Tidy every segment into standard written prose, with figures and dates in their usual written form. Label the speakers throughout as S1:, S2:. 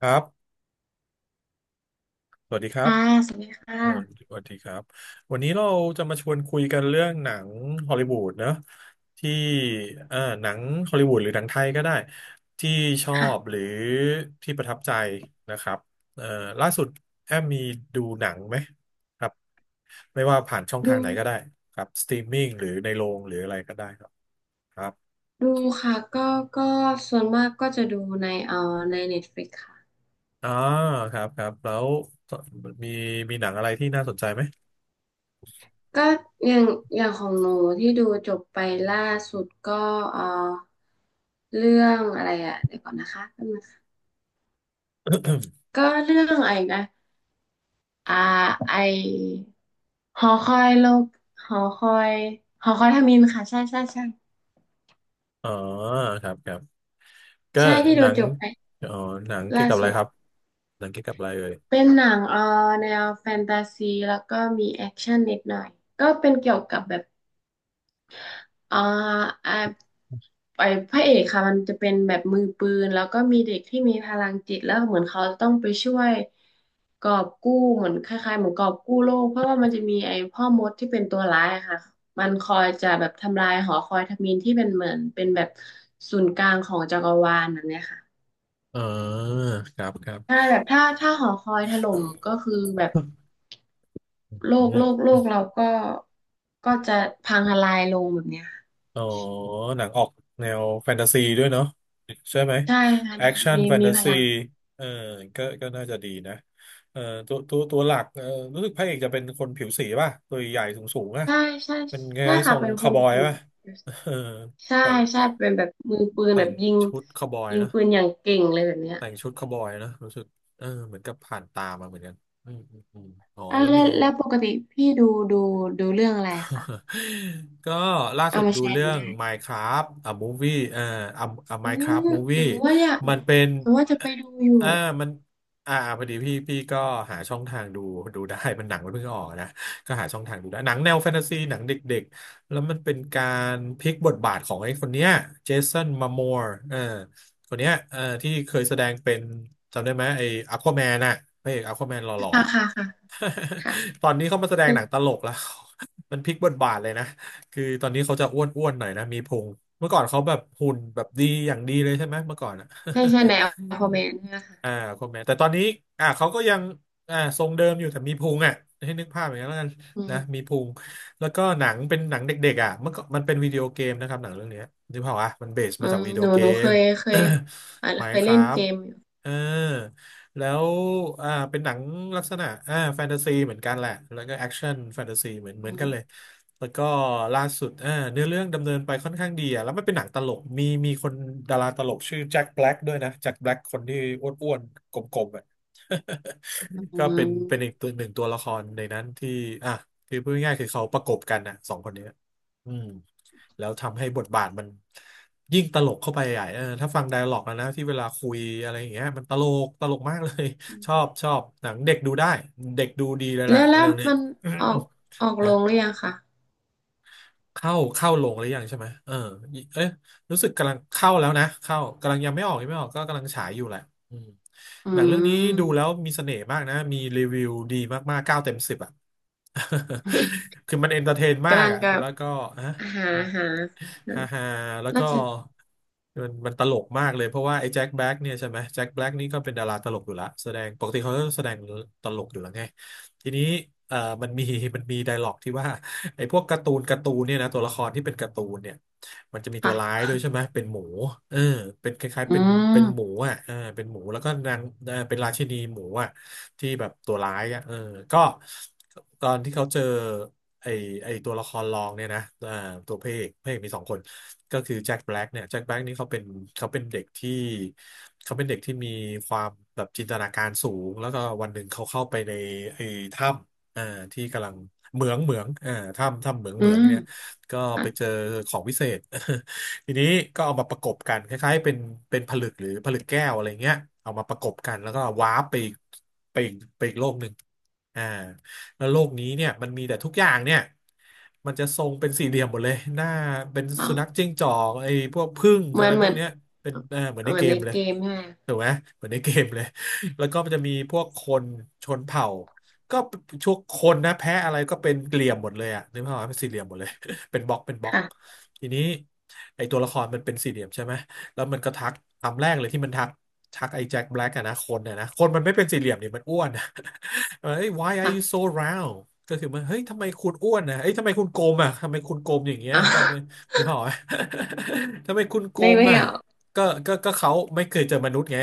S1: ครับ สวัสดีครับ
S2: ค่ะสวัสดีค
S1: สวัสดี
S2: ่ะ
S1: สวัสดีครับวันนี้เราจะมาชวนคุยกันเรื่องหนังฮอลลีวูดเนอะที่เอ่อหนังฮอลลีวูดหรือหนังไทยก็ได้ที่ชอบห
S2: ค่ะ
S1: รือที่ประทับใจนะครับเอ่อล่าสุดแอมมีดูหนังไหมครับไม่ว่าผ่านช่อง
S2: ดู
S1: ทางไหนก็ได้ครับสตรีมมิ่งหรือในโรงหรืออะไรก็ได้ครับครับ
S2: ดูค่ะก็ส่วนมากก็จะดูในใน Netflix ค่ะ
S1: อ่าครับครับ แล้วมีมีหนังอะไรที่น่าสนใจไหม
S2: ก็อย่างอย่างของหนูที่ดูจบไปล่าสุดก็เอ่อเรื่องอะไรอ่ะเดี๋ยวก่อนนะคะแป๊บนึงค่ะก็เรื่องอะไรนะอ่าไอหอคอยโลกหอคอยหอคอยทมิฬค่ะ ใช่ใช่ใช่
S1: อ๋อครับครับ ก็
S2: ใช่ที่
S1: ห
S2: ดู
S1: นัง
S2: จบไป
S1: เอ๋อหนังเกี่ย
S2: ล่า
S1: วกับอะ
S2: สุ
S1: ไร
S2: ด
S1: ครับหนังเกี่ยวกับอะไรเอ่ย
S2: เป็นหนังแนวแฟนตาซีแล้วก็มีแอคชั่นนิดหน่อยก็เป็นเกี่ยวกับแบบเอ่ออ่าไอ้พระเอกค่ะมันจะเป็นแบบมือปืนแล้วก็มีเด็กที่มีพลังจิตแล้วเหมือนเขาจะต้องไปช่วยกอบกู้เหมือนคล้ายๆเหมือนกอบกู้โลกเพราะว่ามันจะมีไอ้พ่อมดที่เป็นตัวร้ายอะค่ะมันคอยจะแบบทำลายหอคอยทมิฬที่เป็นเหมือนเป็นแบบศูนย์กลางของจักรวาลแบบเนี้ยค่ะ
S1: อ่าครับครับ
S2: ใช่แบบถ้าหอคอยถล่มก็คือแบบ โล
S1: อื
S2: กโลก
S1: ม
S2: โลกเราก็จะพังทลายลงแบบเนี้ยค่ะ
S1: อ๋อหนังออกแนวแฟนตาซีด้วยเนาะใช่ไหม
S2: ใช่ค่ะ
S1: แอค
S2: มี
S1: ชั่น
S2: มี
S1: แฟน
S2: มี
S1: ตา
S2: พ
S1: ซี
S2: ลัง
S1: เออก็น่าจะดีนะเออตัวหลักเออรู้สึกพระเอกจะเป็นคนผิวสีป่ะตัวใหญ่สูงสูงอ่ะ
S2: ใช่ใช่
S1: เป็นไง
S2: ใช่
S1: ท
S2: ค่ะ
S1: รง
S2: เป็นค
S1: คาว
S2: น
S1: บอย
S2: ผิว
S1: ป่ะ
S2: ผิวสี
S1: เออ
S2: ใช่
S1: แต่ง
S2: ใช่เป็นแบบมือปืน
S1: แต่
S2: แบบ
S1: ง
S2: ยิง
S1: ชุดคาวบอย
S2: ยิง
S1: นะ
S2: ปืนอย่างเก่งเลยแบบเนี้ย
S1: แต่งชุดคาวบอยนะรู้สึกเออเหมือนกับผ่านตามาเหมือนกันอมอ๋อ
S2: อ่ะ
S1: แล้ว
S2: แล้
S1: มี
S2: วแล้วปกติพี่ดูดูเรื่องอะไรคะ
S1: ก็ล่า
S2: เอา
S1: สุด
S2: มา
S1: ดู
S2: แชร์ห
S1: เรื่
S2: นู
S1: อง
S2: ได้
S1: Minecraft a movie a a
S2: อืม
S1: Minecraft movie
S2: หนูว่าอยากห
S1: มั
S2: นู
S1: นเป็น
S2: หนูว่าจะไปดูอยู่
S1: อ่ามันอ่าพอดีพี่ก็หาช่องทางดูดูได้มันหนังมันเพิ่งออกนะก็หาช่องทางดูได้หนังแนวแฟนตาซีหนังเด็กๆแล้วมันเป็นการพลิกบทบาทของไอ้คนเนี้ยเจสันมามอร์เออคนเนี้ยเออที่เคยแสดงเป็นจำได้ไหมไอ้อควาแมนน่ะพระเอกอควาแมนหล่อ
S2: ค่ะค่ะค่ะค่ะ
S1: ๆ ตอนนี้เขามาแสดงหนังตลกแล้ว มันพลิกบทบาทเลยนะคือตอนนี้เขาจะอ้วนหน่อยนะมีพุงเมื่อก่อนเขาแบบหุ่นแบบดีอย่างดีเลยใช่ไหมเมื่อก่อนอะ
S2: ใช่ใช่ในอั
S1: อื
S2: ลฟ
S1: ม
S2: อร์แมนใช่ไหมคะ
S1: อ่าคนแม่แต่ตอนนี้เขาก็ยังทรงเดิมอยู่แต่มีพุงอ่ะให้นึกภาพอย่างนั้นแล้วกัน
S2: อื
S1: นะมี
S2: ม
S1: พุง แล้วก็หนังเป็นหนังเด็กๆอ่ะเมื่อก่อนมันเป็นวิดีโอเกมนะครับหนังเรื่องเนี้ยนึกภาพอ่ะมันเบส
S2: อื
S1: มาจาก
S2: ม
S1: วิดี
S2: ห
S1: โอ
S2: นู
S1: เก
S2: หนูเค
S1: ม
S2: ยเคยอ่า
S1: ไหม
S2: เคย
S1: ค
S2: เล่
S1: รั
S2: น
S1: บ
S2: เกมอยู่
S1: เออ แล้วเป็นหนังลักษณะแฟนตาซีเหมือนกันแหละแล้วก็แอคชั่นแฟนตาซีเหมือนกันเลย
S2: อื
S1: แล้วก็ล่าสุดเนื้อเรื่องดำเนินไปค่อนข้างดีอะแล้วมันเป็นหนังตลกมีคนดาราตลกชื่อแจ็คแบล็กด้วยนะแจ็คแบล็กคนที่อ้วนๆกลมๆอะ ก็เป็นอีก
S2: ม
S1: ตัวหนึ่งตัวละครในนั้นที่อ่ะคือพูดง่ายๆคือเขาประกบกันนะสองคนเนี้ยอืม แล้วทำให้บทบาทมันยิ่งตลกเข้าไปใหญ่เออถ้าฟังไดอะล็อกนะที่เวลาคุยอะไรอย่างเงี้ยมันตลกมากเลย ชอบหนังเด็กดูได้เด็กดูดีเลยแห
S2: แล้
S1: ละ
S2: วแล้
S1: เรื่
S2: ว
S1: องเนี้ย
S2: มันออก ออก
S1: นะ
S2: ลงหรือยังคะ
S1: เข้าลงหรือยังใช่ไหมเออเอ๊ะรู้สึกกำลังเข้าแล้วนะเข้ากำลังยังไม่ออกก็กำลังฉายอยู่แหละอืม
S2: อื
S1: หนังเรื่องนี้ดูแล้ว
S2: ม
S1: มีเสน่ห์มากนะมีรีวิวดีมากๆ9 เต็ม 10อ่ะ คือมันเอนเตอร์เทนมา
S2: กำ
S1: ก
S2: ลัง
S1: อ่ะ
S2: กับ
S1: แล้วก็ฮะ
S2: หาหา
S1: อืม
S2: หา
S1: ฮ่าฮ่าแล้ว
S2: น่า
S1: ก็
S2: จะ
S1: มันตลกมากเลยเพราะว่าไอ้แจ็คแบล็กเนี่ยใช่ไหมแจ็คแบล็กนี่ก็เป็นดาราตลกอยู่ละแสดงปกติเขาก็แสดงตลกอยู่แล้วไงทีนี้เอ่อมันมีมันมีไดร็อกที่ว่า ไอ้พวกการ์ตูนเนี่ยนะตัวละครที่เป็นการ์ตูนเนี่ยมันจะมีตัวร้าย
S2: ค่ะ
S1: ด้วยใช่ไหมเป็นหมูเออเป็นคล้ายๆ
S2: อื
S1: เป็นหมู
S2: ม
S1: อ่ะเออเป็นหมูแล้วก็นางเออเป็นราชินีหมูอ่ะที่แบบตัวร้ายอ่ะเออก็ตอนที่เขาเจอไอ้ไอ้ตัวละครรองเนี่ยนะเอ่าตัวพระเอกมีสองคนก็คือแจ็คแบล็กเนี่ยแจ็คแบล็กนี่เขาเป็นเด็กที่เขาเป็นเด็กที่มีความแบบจินตนาการสูงแล้วก็วันหนึ่งเขาเข้าไปในไอ้ถ้ำเอ่าที่กำลัง เหมืองอ่าถ้ำเหมือง
S2: อื
S1: เหมือง
S2: ม
S1: เนี่ยก็
S2: ค่ะ
S1: ไปเจอของวิเศษ ทีนี้ก็เอามาประกบกันคล้ายๆเป็นเป็นผลึกหรือผลึกแก้วอะไรเงี้ยเอามาประกบกัน แล้วก็วาร์ปไปอีกไปอีกโลกหนึ่งอ่าแล้วโลกนี้เนี่ยมันมีแต่ทุกอย่างเนี่ยมันจะทรงเป็นสี่เหลี่ยมหมดเลย หน้าเป็น
S2: อ๋อ
S1: สุนัขจิ้งจอกไอ้พวกผึ้ง
S2: เหมื
S1: อะ
S2: อ
S1: ไร
S2: นเห
S1: พ
S2: มื
S1: ว
S2: อ
S1: ก
S2: น
S1: เนี้ยเป็นเออเหมือนใน
S2: เหมื
S1: เก
S2: อนใน
S1: มเลย
S2: เกมใช่ไหม
S1: ถูกไหม เหมือนในเกมเลย แล้วก็มันจะมีพวกคนชนเผ่า ก็ทุกคนนะแพ้อะไรก็เป็นเหลี่ยมหมดเลยอะนึกภาพว่าเป็นสี่เหลี่ยมหมดเลย เป็นบล็อกเป็นบล็อก
S2: ค่ะ
S1: ทีนี้ไอตัวละครมันเป็นสี่เหลี่ยมใช่ไหมแล้วมันก็ทักคำแรกเลยที่มันทักทักไอ้แจ็คแบล็กอะนะคนอะนะคนมันไม่เป็นสี่เหลี่ยมนี่มันอ้วนอะ เอ้ย why are you
S2: ค่ะ
S1: so round ก็คือมันเฮ้ยทำไมคุณอ้วนนะเอ้ยทำไมคุณโกลมอะทำไมคุณโกลมอย่างเงี้ย
S2: อ่ะ
S1: ทำไมนึกภาพว่า ทำไมคุณโกล
S2: ใน
S1: ม
S2: ไม่
S1: อะ
S2: ออก
S1: ก็เขาไม่เคยเจอมนุษย์ไง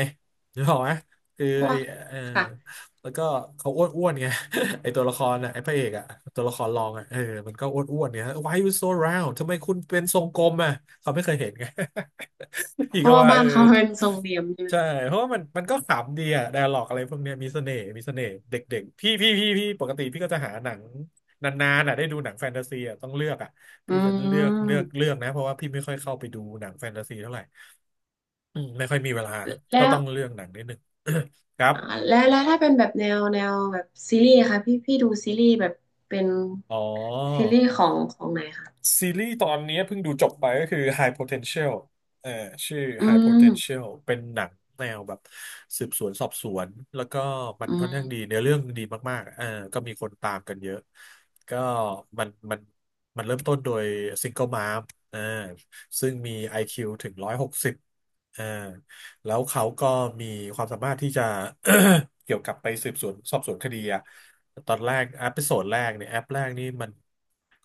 S1: นึกภาพว่าคือ
S2: เพราะ
S1: ไอ
S2: ว่า
S1: เออ
S2: ค่ะ
S1: แล้วก็เขาอ้วนอ้วนไง ไอตัวละครอ่ะไอพระเอกอะตัวละครรองอะมันก็อ้วนอ้วนเนี่ย Why you so round ทำไมคุณเป็นทรงกลมอะเขาไม่เคยเห็นไง อี
S2: เพ
S1: กก็
S2: ราะว่า
S1: ว่า
S2: บ้านเขาเป็นทรงเหลี่ยมใช่ไหม
S1: ใช่เพราะว่ามันก็ขำดีอะไดอะล็อกอะไรพวกเนี้ยมีเสน่ห์มีเสน่ห์เด็กๆพี่ปกติพี่ก็จะหาหนังนานๆอะได้ดูหนังแฟนตาซีอะต้องเลือกอะ
S2: อื
S1: พี่จะเลือกเลือก
S2: ม
S1: เลือกนะเพราะว่าพี่ไม่ค่อยเข้าไปดูหนังแฟนตาซีเท่าไหร่อืมไม่ค่อยมีเวลาก็
S2: แล้ว
S1: ต้องเลือกหนังนิดหนึ่ง ครับ
S2: อ่าแล้วถ้าเป็นแบบแนวแบบซีรีส์อะค่ะพี่ดูซีรีส์แบบเป็น
S1: อ๋อ
S2: ซีรีส์ของไหนคะ
S1: ซีรีส์ตอนนี้เพิ่งดูจบไปก็คือ High Potential เอ่อชื่อ
S2: อื
S1: High
S2: ม
S1: Potential เป็นหนังแนวแบบสืบสวนสอบสวนแล้วก็มัน
S2: อื
S1: ค่อน
S2: ม
S1: ข้างดีเนื้อเรื่องดีมากๆก็มีคนตามกันเยอะก็มันมันมันเริ่มต้นโดยซิงเกิลม เออซึ่งมี IQ ถึง160เออ แล้วเขาก็มีความสามารถที่จะ เกี่ยวกับไปสืบสวนสอบสวนคดีอะตอนแรกแอปโซดแรกเนี่ยแอปแรกนี่มัน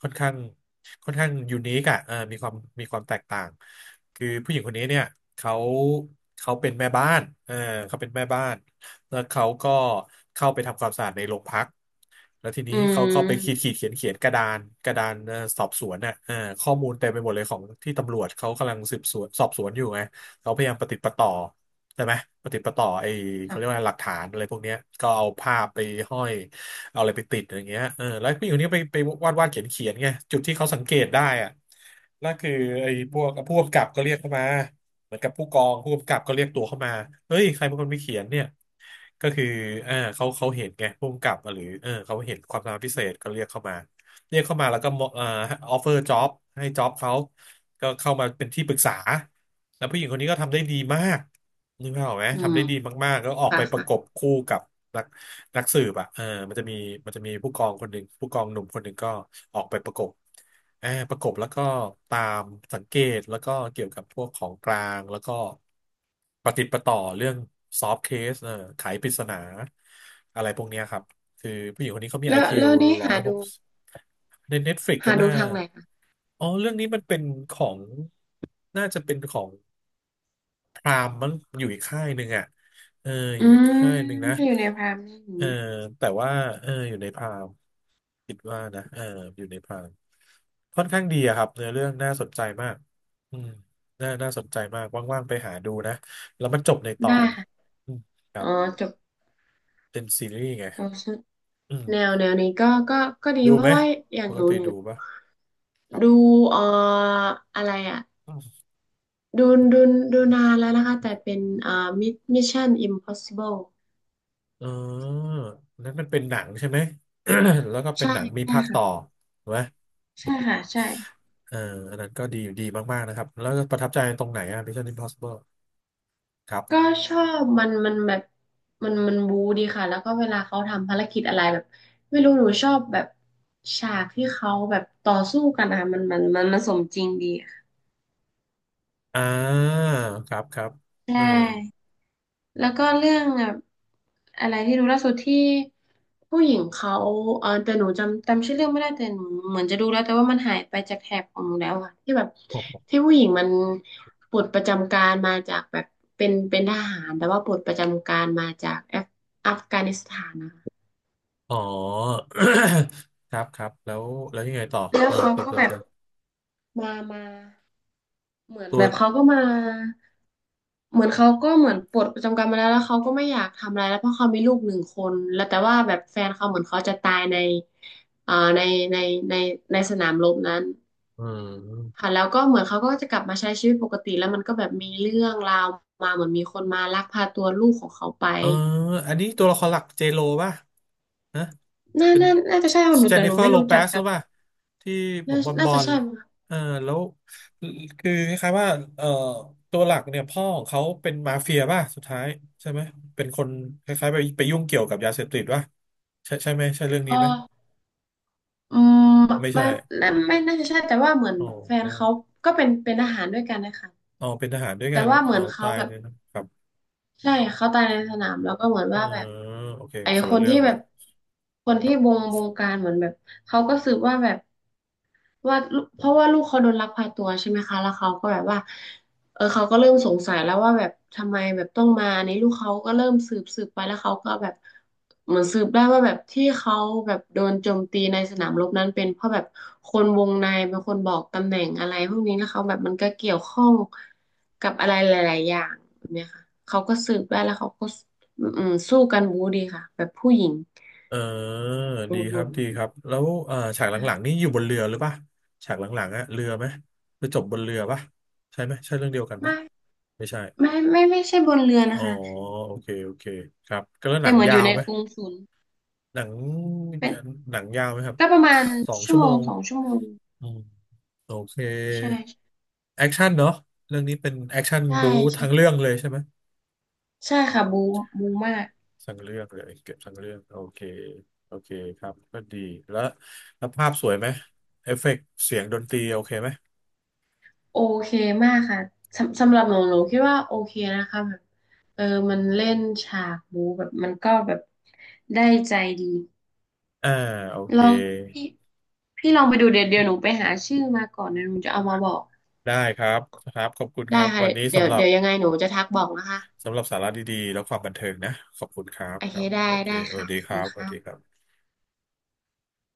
S1: ค่อนข้างค่อนข้างยูนิคอะมีความมีความแตกต่างคือผู้หญิงคนนี้เนี่ยเขาเขาเป็นแม่บ้านเขาเป็นแม่บ้านแล้วเขาก็เข้าไปทำความสะอาดในโรงพักแล้วทีนี้
S2: อื
S1: เขาก็ไปขีด
S2: ม
S1: ขีดเขียนเขียนกระดานกระดานสอบสวนน่ะข้อมูลเต็มไปหมดเลยของที่ตำรวจเขากำลังสืบสวนสอบสวนอยู่ไง เขาพยายามประติดประต่อใช่ไหมประติดประต่อไอ้เขาเรียก
S2: ค่ะ
S1: ว่าหลักฐานอะไรพวกเนี้ยก็เอาภาพไปห้อยเอาอะไรไปติดอย่างเงี้ยแล้วผู้หญิงคนนี้ไปไปวาดวาดเขียนเขียนไงจุดที่เขาสังเกตได้อะนั่นคือไอ้พวกผู้กำกับก็เรียกเข้ามาเหมือนกับผู้กองผู้กำกับก็เรียกตัวเข้ามาเฮ้ยใครเป็นคนไปเขียนเนี่ยก็คือเขาเห็นไงผู้กำกับหรือเขาเห็นความสามารถพิเศษก็เรียกเข้ามาเรียกเข้ามาแล้วก็มอออฟเฟอร์จ็อบให้จ็อบเขาก็เข้ามาเป็นที่ปรึกษา แล้วผู้หญิงคนนี้ก็ทำได้ดีมากนึกภาพออกไหม
S2: อื
S1: ทำ
S2: ม
S1: ได้ดีมากๆแล้วออก
S2: ค่ะ
S1: ไปประกบ
S2: ค่ะ
S1: คู่กับนักนักสืบอ่ะมันจะมีมันจะมีผู้กองคนหนึ่งผู้กองหนุ่มคนหนึ่งก็ออกไปประกบอ่าประกบแล้วก็ตามสังเกตแล้วก็เกี่ยวกับพวกของกลางแล้วก็ปฏิดประต่อเรื่องซอฟ t ์เคสไขปริศนาอะไรพวกเนี้ยครับคือผู้หญิงคนนี้เขามี
S2: แล้ว
S1: IQ
S2: แล้วนี้
S1: ร้อ
S2: หา
S1: ยหก
S2: ดู
S1: ใน Netflix ก็
S2: หาดู
S1: น่า
S2: ทางไหนคะ
S1: อ๋อเรื่องนี้มันเป็นของ น่าจะเป็นของ พรามมันอยู่อีกค่ายหนึ่งอ่ะเอออ
S2: อื
S1: ยู่อีก
S2: ม
S1: ค่ายหนึ่งนะ
S2: ถ้าอยู่ในพรามนี่
S1: เออแต่ว่าอยู่ในพรามคิดว่านะอยู่ในพรามค่อนข้างดีอะครับเนื้อเรื่องน่าสนใจมากอืมน่าสนใจมากว่างๆไปหาดูนะแล้วมันจบในตอ
S2: ได้
S1: น
S2: ค่ะ
S1: อืมครั
S2: อ๋อ
S1: บ
S2: จบ
S1: เป็นซีรีส์ไงอืม
S2: แนวนี้ก็ดี
S1: ดู
S2: เพ
S1: ไหม
S2: ราะว่าอย่า
S1: ป
S2: งห
S1: ก
S2: นู
S1: ติ
S2: หนู
S1: ดูปะครับ
S2: ดูเอ่ออะไรอ่ะ
S1: อืม
S2: ดูดูดูนานแล้วนะคะแต่เป็นมิชชั่นอิมพอสซิเบิล
S1: เออนั้นมันเป็นหนังใช่ไหม แล้วก็เป็
S2: ใช
S1: นหนังมีภาค
S2: ่
S1: ต่อถูกไหม
S2: ใช่ค่ะ ใช่ค่ะ ใช่
S1: เอออันนั้นก็ดีดีมากๆนะครับ แล้วก็ประทับใจตรงไหนอ่ะ Mission Impossible ครั
S2: ก็
S1: บ
S2: ชอบมันแบบมันบู๊ดีค่ะ แล้วก็เวลาเขาทำภารกิจอะไรแบบไม่รู้หนูชอบแบบฉากที่เขาแบบต่อสู้กันนะคะมันสมจริงดีค่ะ
S1: อ่าครับครับ
S2: ใช
S1: เออ
S2: ่ แล้วก็เรื่องแบบอะไรที่ดูล่าสุดที่ผู้หญิงเขาแต่หนูจำชื่อเรื่องไม่ได้แต่หนูเหมือนจะดูแล้วแต่ว่ามันหายไปจากแถบของหนูแล้วอะที่แบบ
S1: โอ้โห
S2: ที่ผู้หญิงมันปลดประจำการมาจากแบบเป็นทหารแต่ว่าปลดประจำการมาจากแอฟอัฟกานิสถานนะคะ
S1: อ๋อ ครับครับแล้วแล้วยังไงต่อ
S2: แล้วเขา
S1: เปิด
S2: ก็
S1: เปิ
S2: แบ
S1: ด
S2: บ
S1: กัน
S2: มาเหมือน
S1: ตัว
S2: แบบเขาก็มา เหมือนเขาก็เหมือนปลดประจำการมาแล้วเขาก็ไม่อยากทำอะไรแล้วเพราะเขามีลูกหนึ่งคนแล้วแต่ว่าแบบแฟนเขาเหมือนเขาจะตายในอ่าในในในในสนามรบนั้น
S1: เออ
S2: ค่ะแล้วก็เหมือนเขาก็จะกลับมาใช้ชีวิตปกติแล้วมันก็แบบมีเรื่องราวมาเหมือนมีคนมาลักพาตัวลูกของเขาไป
S1: เอออันนี้ตัวละครหลักเจโลป่ะนะ
S2: น่า
S1: เป็น
S2: น่าน่าจะใช่ของหนู
S1: เจน
S2: แต่
S1: นิ
S2: หนู
S1: เฟอร์
S2: ไม่
S1: โล
S2: รู้
S1: เป
S2: จัก
S1: ซห
S2: กั
S1: รื
S2: บ
S1: อเปล่าที่ผ
S2: น่า
S1: มบอลบ
S2: น่า
S1: อ
S2: จะ
S1: ล
S2: ใช่มั้งคะ
S1: เออแล้วคือคล้ายๆว่าเออตัวหลักเนี่ยพ่อของเขาเป็นมาเฟียป่ะสุดท้ายใช่ไหมเป็นคนคล้ายๆไปไปยุ่งเกี่ยวกับยาเสพติดป่ะใช่ใช่ไหมใช่เรื่อง
S2: เอ
S1: นี้
S2: อ
S1: ไหม
S2: อืม
S1: ไม่ใช่
S2: ไม่ไม่น่าจะใช่แต่ว่าเหมือน
S1: โอ้
S2: แฟน
S1: โอ้
S2: เขาก็เป็นทหารด้วยกันนะคะ
S1: อ๋อเป็นทหารด้วย
S2: แต่
S1: กัน
S2: ว่าเหมื
S1: อ๋อ
S2: อนเขา
S1: ตาย
S2: แบบ
S1: เลยนะครับ
S2: ใช่เขาตายในสนามแล้วก็เหมือน
S1: เออ
S2: ว่าแบบ
S1: โอเค
S2: ไอ้
S1: คน
S2: ค
S1: ละ
S2: น
S1: เรื่อ
S2: ที่
S1: ง
S2: แบ
S1: ละ
S2: บคน
S1: ค
S2: ที่
S1: รั
S2: บ
S1: บ
S2: งบงการเหมือนแบบเขาก็สืบว่าแบบ ว่าลูกเพราะว่าลูกเขาโดนลักพาตัวใช่ไหมคะแล้วเขาก็แบบว่าเขาก็เริ่มสงสัยแล้วว่าแบบทำไมแบบต้องมาอันนี้ลูกเขาก็เริ่มสืบไปแล้วเขาก็แบบเหมือนสืบได้ว่าแบบที่เขาแบบโดนโจมตีในสนามรบนั้นเป็นเพราะแบบคนวงในเป็นคนบอกตำแหน่งอะไรพวกนี้แล้วเขาแบบมันก็เกี่ยวข้องกับอะไรหลายๆอย่างแบบเนี้ยค่ะเขาก็สืบได้แล้วเขาก็สู้กันบู๊ดีค่ะแบบผู้หญิง
S1: เออ
S2: อื
S1: ดีครับดี
S2: ม
S1: ครับแล้วฉากหลังๆนี่อยู่บนเรือหรือปะฉากหลังๆอะเรือไหมไปจบบนเรือปะใช่ไหมใช่เรื่องเดียวกันไหม
S2: ไม่
S1: ไม่ใช่
S2: ไม่ใช่บนเรือ
S1: อ๋
S2: นะ
S1: อ
S2: คะ
S1: โอเคโอเคครับก็แล้วห
S2: แต่
S1: นัง
S2: เหมือนอ
S1: ยา
S2: ยู่
S1: ว
S2: ใน
S1: ไหม
S2: กรุงศูนย์
S1: หนัง
S2: เป็น
S1: หนังยาวไหมครับ
S2: ก็ประมาณ
S1: สอง
S2: ชั่
S1: ชั่
S2: ว
S1: ว
S2: โม
S1: โม
S2: ง
S1: ง
S2: 2 ชั่วโมง
S1: อืมโอเค
S2: ใช่
S1: แอคชั่นเนาะเรื่องนี้เป็นแอคชั่น
S2: ใช่
S1: บู๊ทั้งเรื่
S2: ใช่
S1: องเลยใช่ไหม
S2: ใช่ค่ะบูมาก
S1: ทั้งเรื่องเลยเก็บทั้งเรื่องโอเคโอเคครับก็ดีแล้วภาพสวยไหมเอฟเฟกต์เสียงดนตรีโอเคไหม
S2: โอเคมากค่ะสำหรับหนูคิดว่าโอเคนะคะแบบเออมันเล่นฉากบูแบบมันก็แบบได้ใจดี
S1: อ่าโอเค
S2: ลองพี่พี่ลองไปดูเดี๋ยวเดี๋ยวหนูไปหาชื่อมาก่อนเดี๋ยวหนูจะเอามาบอก
S1: ได้ครับครับขอบคุณค
S2: ได้
S1: รับ
S2: ค่ะ
S1: วันนี้
S2: เดี๋ยวเดี๋ยวยังไงหนูจะทักบอกนะคะ
S1: สำหรับสาระดีๆแล้วความบันเทิงนะขอบคุณครับ
S2: โอ
S1: ค
S2: เค
S1: รับส
S2: ได้
S1: วัสดี
S2: ได้
S1: สวั
S2: ค่ะ
S1: สดี
S2: ขอบ
S1: ค
S2: คุ
S1: รั
S2: ณ
S1: บสวัส
S2: ค่ะ
S1: ดีครับ